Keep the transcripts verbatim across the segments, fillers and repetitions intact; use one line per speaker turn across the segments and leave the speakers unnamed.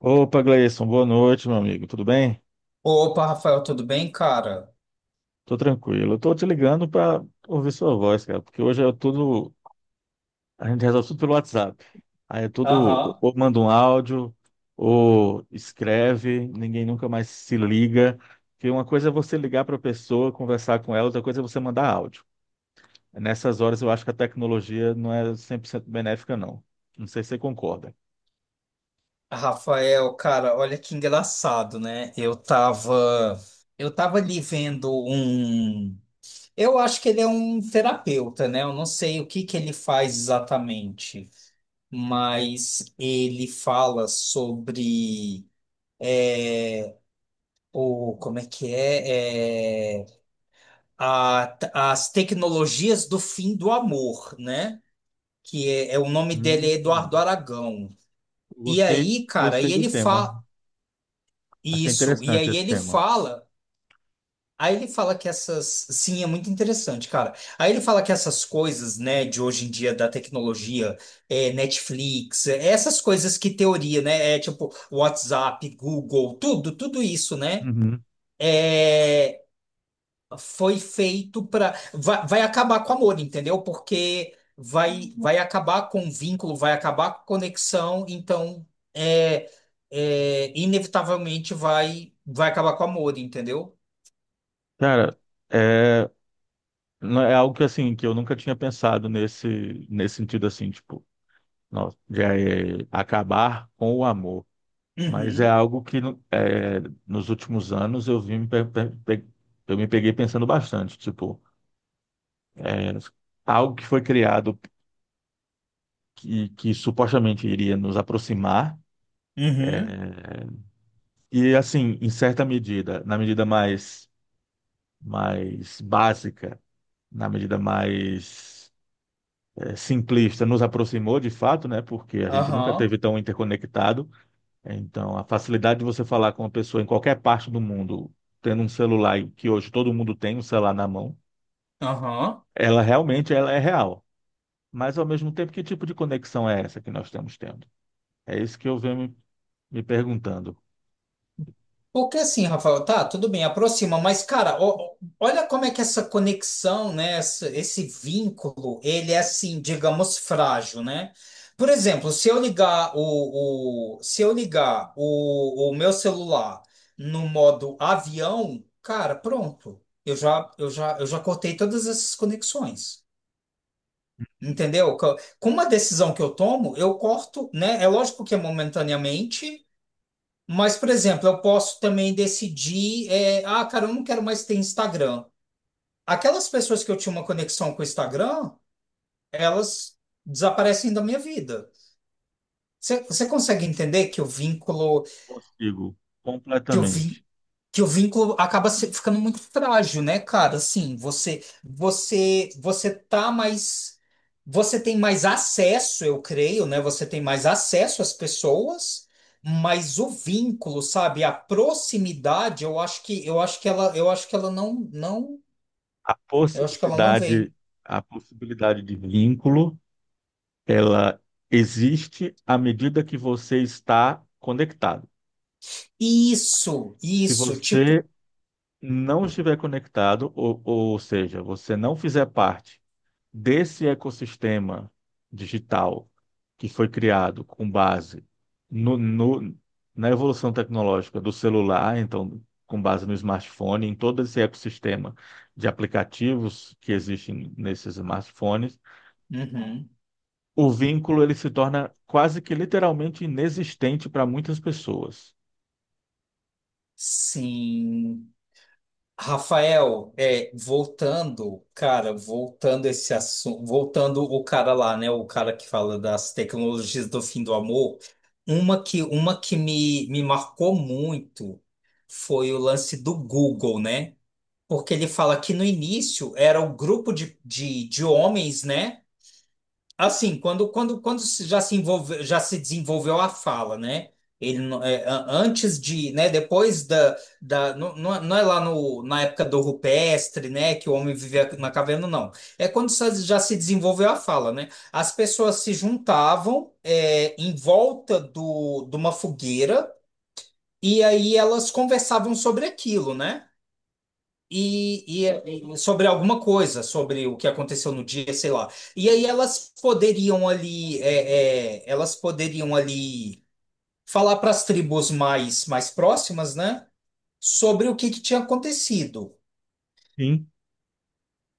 Opa, Gleison, boa noite, meu amigo. Tudo bem?
Opa, Rafael, tudo bem, cara?
Tô tranquilo. Eu tô te ligando para ouvir sua voz, cara, porque hoje é tudo. A gente resolve tudo pelo WhatsApp. Aí é tudo.
Aham.
Ou manda um áudio, ou escreve, ninguém nunca mais se liga. Porque uma coisa é você ligar para a pessoa, conversar com ela, outra coisa é você mandar áudio. Nessas horas eu acho que a tecnologia não é cem por cento benéfica, não. Não sei se você concorda.
Rafael, cara, olha que engraçado, né? Eu tava, eu tava ali vendo um. Eu acho que ele é um terapeuta, né? Eu não sei o que que ele faz exatamente, mas ele fala sobre é, o, como é que é, É, a- as tecnologias do fim do amor, né? Que é, é o nome dele é Eduardo
Hum,
Aragão. E
gostei,
aí, cara,
gostei
e
do
ele
tema.
fala
Achei
isso, e
interessante
aí
esse
ele
tema.
fala, aí ele fala que essas, sim, é muito interessante, cara. Aí ele fala que essas coisas, né, de hoje em dia da tecnologia, é, Netflix, é, essas coisas que teoria, né, é tipo WhatsApp, Google, tudo, tudo isso, né?
Uhum.
é, foi feito para vai, vai acabar com o amor, entendeu? Porque vai vai acabar com o vínculo, vai acabar com a conexão, então é, é, inevitavelmente vai vai acabar com o amor, entendeu?
Cara, é, não- é algo que assim, que eu nunca tinha pensado nesse, nesse sentido assim, tipo, nossa, já é acabar com o amor. Mas é
Uhum,
algo que no- é, nos últimos anos eu vim me pe- pe- pe- eu me peguei pensando bastante, tipo, é, algo que foi criado que, que supostamente iria nos aproximar.
uhum,
é, e assim, em certa medida, na medida mais, mais básica, na medida mais é, simplista, nos aproximou de fato, né? Porque a gente nunca
aham,
teve tão interconectado. Então, a facilidade de você falar com uma pessoa em qualquer parte do mundo, tendo um celular, e que hoje todo mundo tem um celular na mão,
aham.
ela realmente ela é real. Mas ao mesmo tempo, que tipo de conexão é essa que nós estamos tendo? É isso que eu venho me, me perguntando.
Porque assim, Rafael, tá, tudo bem, aproxima, mas cara, ó- olha como é que essa conexão, né, essa- esse vínculo, ele é assim, digamos, frágil, né? Por exemplo, se eu ligar o, o- se eu ligar o, o meu celular no modo avião, cara, pronto, eu já, eu já, eu já cortei todas essas conexões. Entendeu? Co- Com uma decisão que eu tomo, eu corto, né? É lógico que é momentaneamente, mas, por exemplo, eu posso também decidir, é, ah, cara, eu não quero mais ter Instagram. Aquelas pessoas que eu tinha uma conexão com o Instagram, elas desaparecem da minha vida. Você você consegue entender que o vínculo,
Consigo
que o
completamente.
vínculo que o vínculo acaba se- ficando muito frágil, né, cara? Assim, você, você, você tá mais, você tem mais acesso, eu creio, né? Você tem mais acesso às pessoas, mas o vínculo, sabe, a proximidade, eu acho que, eu acho que ela, eu acho que ela não, não,
A
eu acho que ela não
possibilidade,
vem.
a possibilidade de vínculo, ela existe à medida que você está conectado.
Isso,
Se
isso, tipo,
você não estiver conectado, ou, ou seja, você não fizer parte desse ecossistema digital que foi criado com base no, no- na evolução tecnológica do celular, então, com base no smartphone, em todo esse ecossistema de aplicativos que existem nesses smartphones,
uhum,
o vínculo ele se torna quase que literalmente inexistente para muitas pessoas.
sim. Rafael, é, voltando, cara, voltando esse assunto, voltando o cara lá, né, o cara que fala das tecnologias do fim do amor, uma que, uma que me, me marcou muito foi o lance do Google, né? Porque ele fala que no início era um grupo de, de, de homens, né? Assim, quando, quando, quando se- já se envolve, já se desenvolveu a fala, né? Ele não- é, a- antes de, né? Depois da, da não, não é não é lá no, na época do rupestre, né? Que o homem vivia na caverna, não. É quando só já se desenvolveu a fala, né? As pessoas se juntavam é, em volta do, de uma fogueira e aí elas conversavam sobre aquilo, né? E, e- é, e sobre alguma coisa, sobre o que aconteceu no dia, sei lá. E aí elas poderiam ali, é, é, elas poderiam ali falar para as tribos mais, mais próximas, né? Sobre o que, que tinha acontecido.
Sim.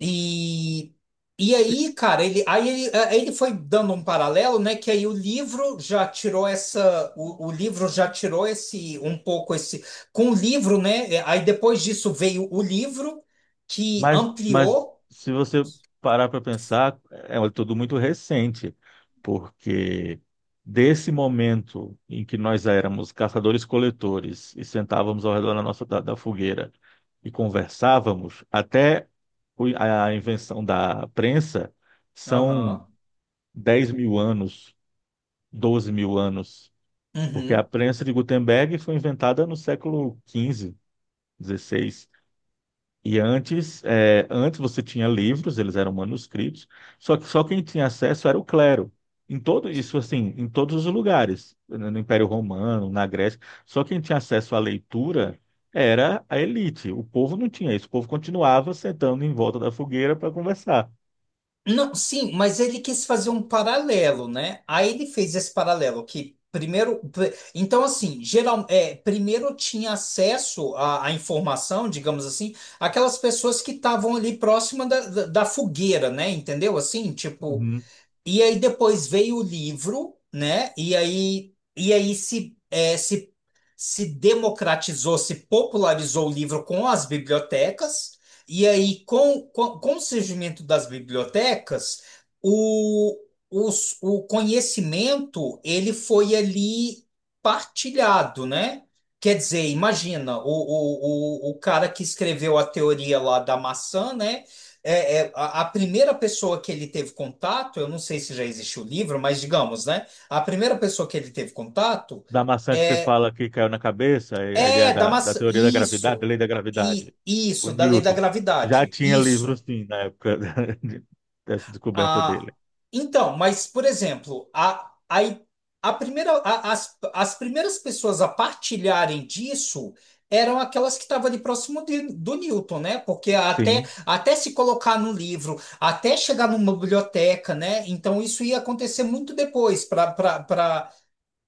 E, e aí, cara, ele, aí ele, aí ele foi dando um paralelo, né? Que aí o livro já tirou essa, o, o livro já tirou esse, um pouco esse, com o livro, né? é, Aí depois disso veio o livro que
Mas, mas
ampliou.
se você parar para pensar, é um- tudo muito recente, porque desse momento em que nós éramos caçadores-coletores e sentávamos ao redor da nossa da, da fogueira e conversávamos, até o- a invenção da prensa, são
Aham.
dez mil anos, doze mil anos, porque a
Uhum.
prensa de Gutenberg foi inventada no século quinze, dezesseis. E antes, é, antes você tinha livros, eles eram manuscritos, só que só quem tinha acesso era o clero. Em todo isso, assim, em todos os lugares, no Império Romano, na Grécia, só quem tinha acesso à leitura era a elite. O povo não tinha isso. O povo continuava sentando em volta da fogueira para conversar.
Não, sim, mas ele quis fazer um paralelo, né? Aí ele fez esse paralelo que primeiro, pr- então assim, geral, é, primeiro tinha acesso à, à informação, digamos assim, aquelas pessoas que estavam ali próxima da, da, da fogueira, né? Entendeu? Assim, tipo.
Uhum.
E aí depois veio o livro, né? E aí, e aí se, é, se, se democratizou, se popularizou o livro com as bibliotecas, e aí com, com, com o surgimento das bibliotecas, o, os, o conhecimento ele foi ali partilhado, né? Quer dizer, imagina, o, o, o, o cara que escreveu a teoria lá da maçã, né? É, é, a, a primeira pessoa que ele teve contato, eu não sei se já existe o livro, mas digamos, né? A primeira pessoa que ele teve contato
Da maçã que você
é,
fala que caiu na cabeça, é, a ideia
é da
da, da
massa,
teoria da gravidade, da
isso,
lei da gravidade,
e
o
isso, da lei da
Newton. Já
gravidade,
tinha livros,
isso.
sim, na época dessa descoberta
Ah,
dele.
então, mas, por exemplo, a, a, a primeira, a- as, as primeiras pessoas a partilharem disso eram aquelas que estavam ali próximo de- do Newton, né? Porque até,
Sim.
até se colocar no livro, até chegar numa biblioteca, né? Então, isso ia acontecer muito depois para.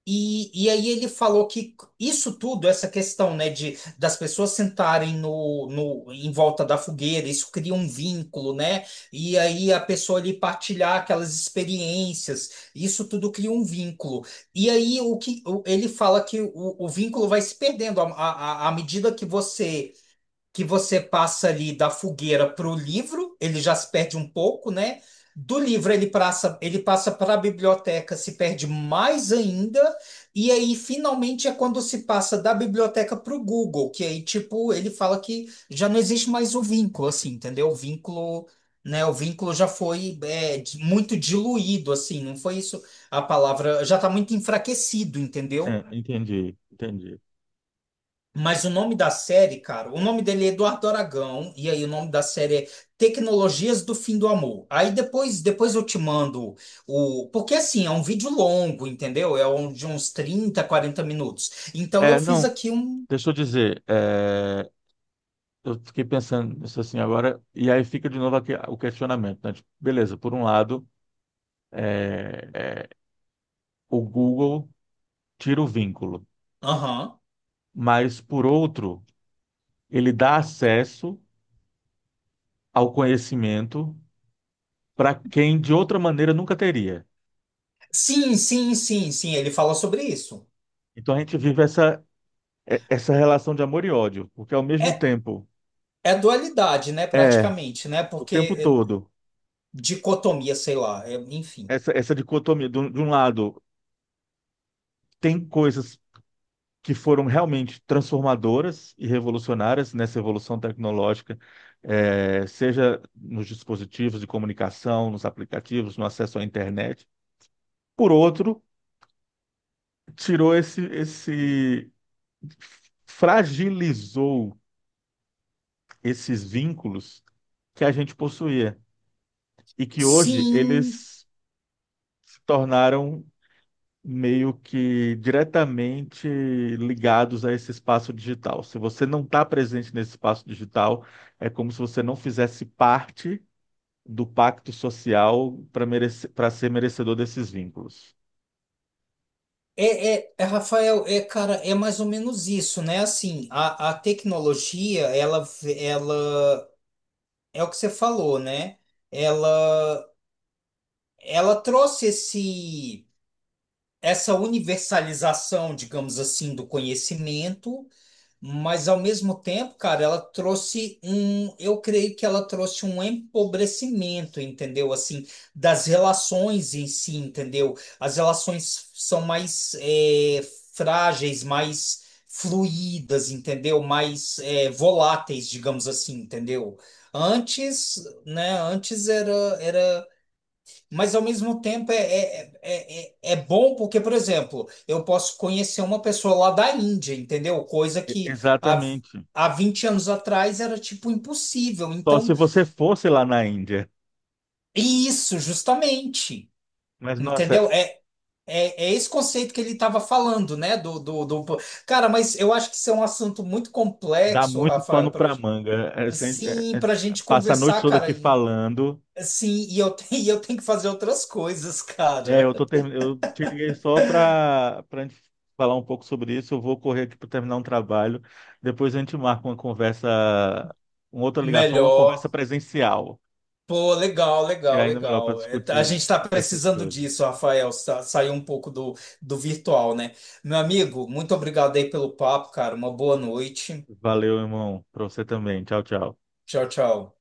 E, e aí ele falou que isso tudo, essa questão, né, de das pessoas sentarem no, no em volta da fogueira, isso cria um vínculo, né? E aí a pessoa ali partilhar aquelas experiências, isso tudo cria um vínculo. E aí o que o- ele fala que o, o vínculo vai se perdendo à, à, à medida que você que você passa ali da fogueira para o livro, ele já se perde um pouco, né? Do livro ele passa, ele passa para a biblioteca, se perde mais ainda, e aí finalmente é quando se passa da biblioteca para o Google, que aí tipo ele fala que já não existe mais o vínculo, assim, entendeu? O vínculo, né? O vínculo já foi é, di- muito diluído, assim, não foi isso a palavra, já está muito enfraquecido, entendeu?
É, entendi, entendi.
Mas o nome da série, cara, o nome dele é Eduardo Aragão, e aí o nome da série é Tecnologias do Fim do Amor. Aí depois, depois eu te mando o. Porque assim, é um vídeo longo, entendeu? É um, de uns trinta, quarenta minutos. Então eu
É,
fiz
não,
aqui um.
deixa eu dizer, é, eu fiquei pensando nisso assim agora, e aí fica de novo aqui o questionamento, né? Tipo, beleza, por um lado, é, é, o Google tira o vínculo,
Aham.
mas por outro, ele dá acesso ao conhecimento para quem de outra maneira nunca teria.
Sim, sim, sim, sim, ele fala sobre isso.
Então a gente vive essa, é- essa relação de amor e ódio, porque ao mesmo
É,
tempo,
é dualidade, né?
é,
Praticamente, né?
o tempo
Porque é,
todo,
dicotomia, sei lá, é, enfim.
essa, essa dicotomia, de um de um lado, tem coisas que foram realmente transformadoras e revolucionárias nessa evolução tecnológica, eh, seja nos dispositivos de comunicação, nos aplicativos, no acesso à internet. Por outro, tirou esse, esse fragilizou esses vínculos que a gente possuía, e que hoje
Sim.
eles se tornaram meio que diretamente ligados a esse espaço digital. Se você não está presente nesse espaço digital, é como se você não fizesse parte do pacto social para merecer, para ser merecedor desses vínculos.
É, é, é, Rafael, é, cara, é mais ou menos isso, né? Assim, a, a tecnologia, ela, ela, é o que você falou, né? Ela, ela trouxe esse, essa universalização, digamos assim, do conhecimento. Mas ao mesmo tempo, cara, ela trouxe um, eu creio que ela trouxe um empobrecimento, entendeu? Assim, das relações em si, entendeu? As relações são mais é, frágeis, mais fluídas, entendeu? Mais é, voláteis, digamos assim, entendeu? Antes, né? Antes era, era mas ao mesmo tempo é, é, é, é é bom porque, por exemplo, eu posso conhecer uma pessoa lá da Índia, entendeu? Coisa
E-
que há,
Exatamente.
há vinte anos atrás era tipo impossível.
Só
Então,
se você fosse lá na Índia.
isso, justamente,
Mas, nossa,
entendeu? É, é, é esse conceito que ele estava falando, né? Do, do, do... Cara, mas eu acho que isso é um assunto muito
dá
complexo,
muito
Rafael,
pano
para
para manga. É, sem- é,
assim,
é,
para gente
passa a noite
conversar,
toda
cara.
aqui
E,
falando.
assim, e eu, tenho- e eu tenho que fazer outras coisas,
É,
cara.
eu tô termi... eu te liguei só para para gente falar um pouco sobre isso. Eu vou correr aqui para terminar um trabalho. Depois a gente marca uma conversa, uma outra ligação, uma conversa
Melhor.
presencial,
Pô, legal,
que é
legal,
ainda melhor para
legal. É, tá- a
discutir
gente está
discutir essas
precisando
coisas.
disso, Rafael, sa- sair um pouco do, do virtual, né? Meu amigo, muito obrigado aí pelo papo, cara. Uma boa noite.
Valeu, irmão, para você também. Tchau, tchau.
Tchau, tchau.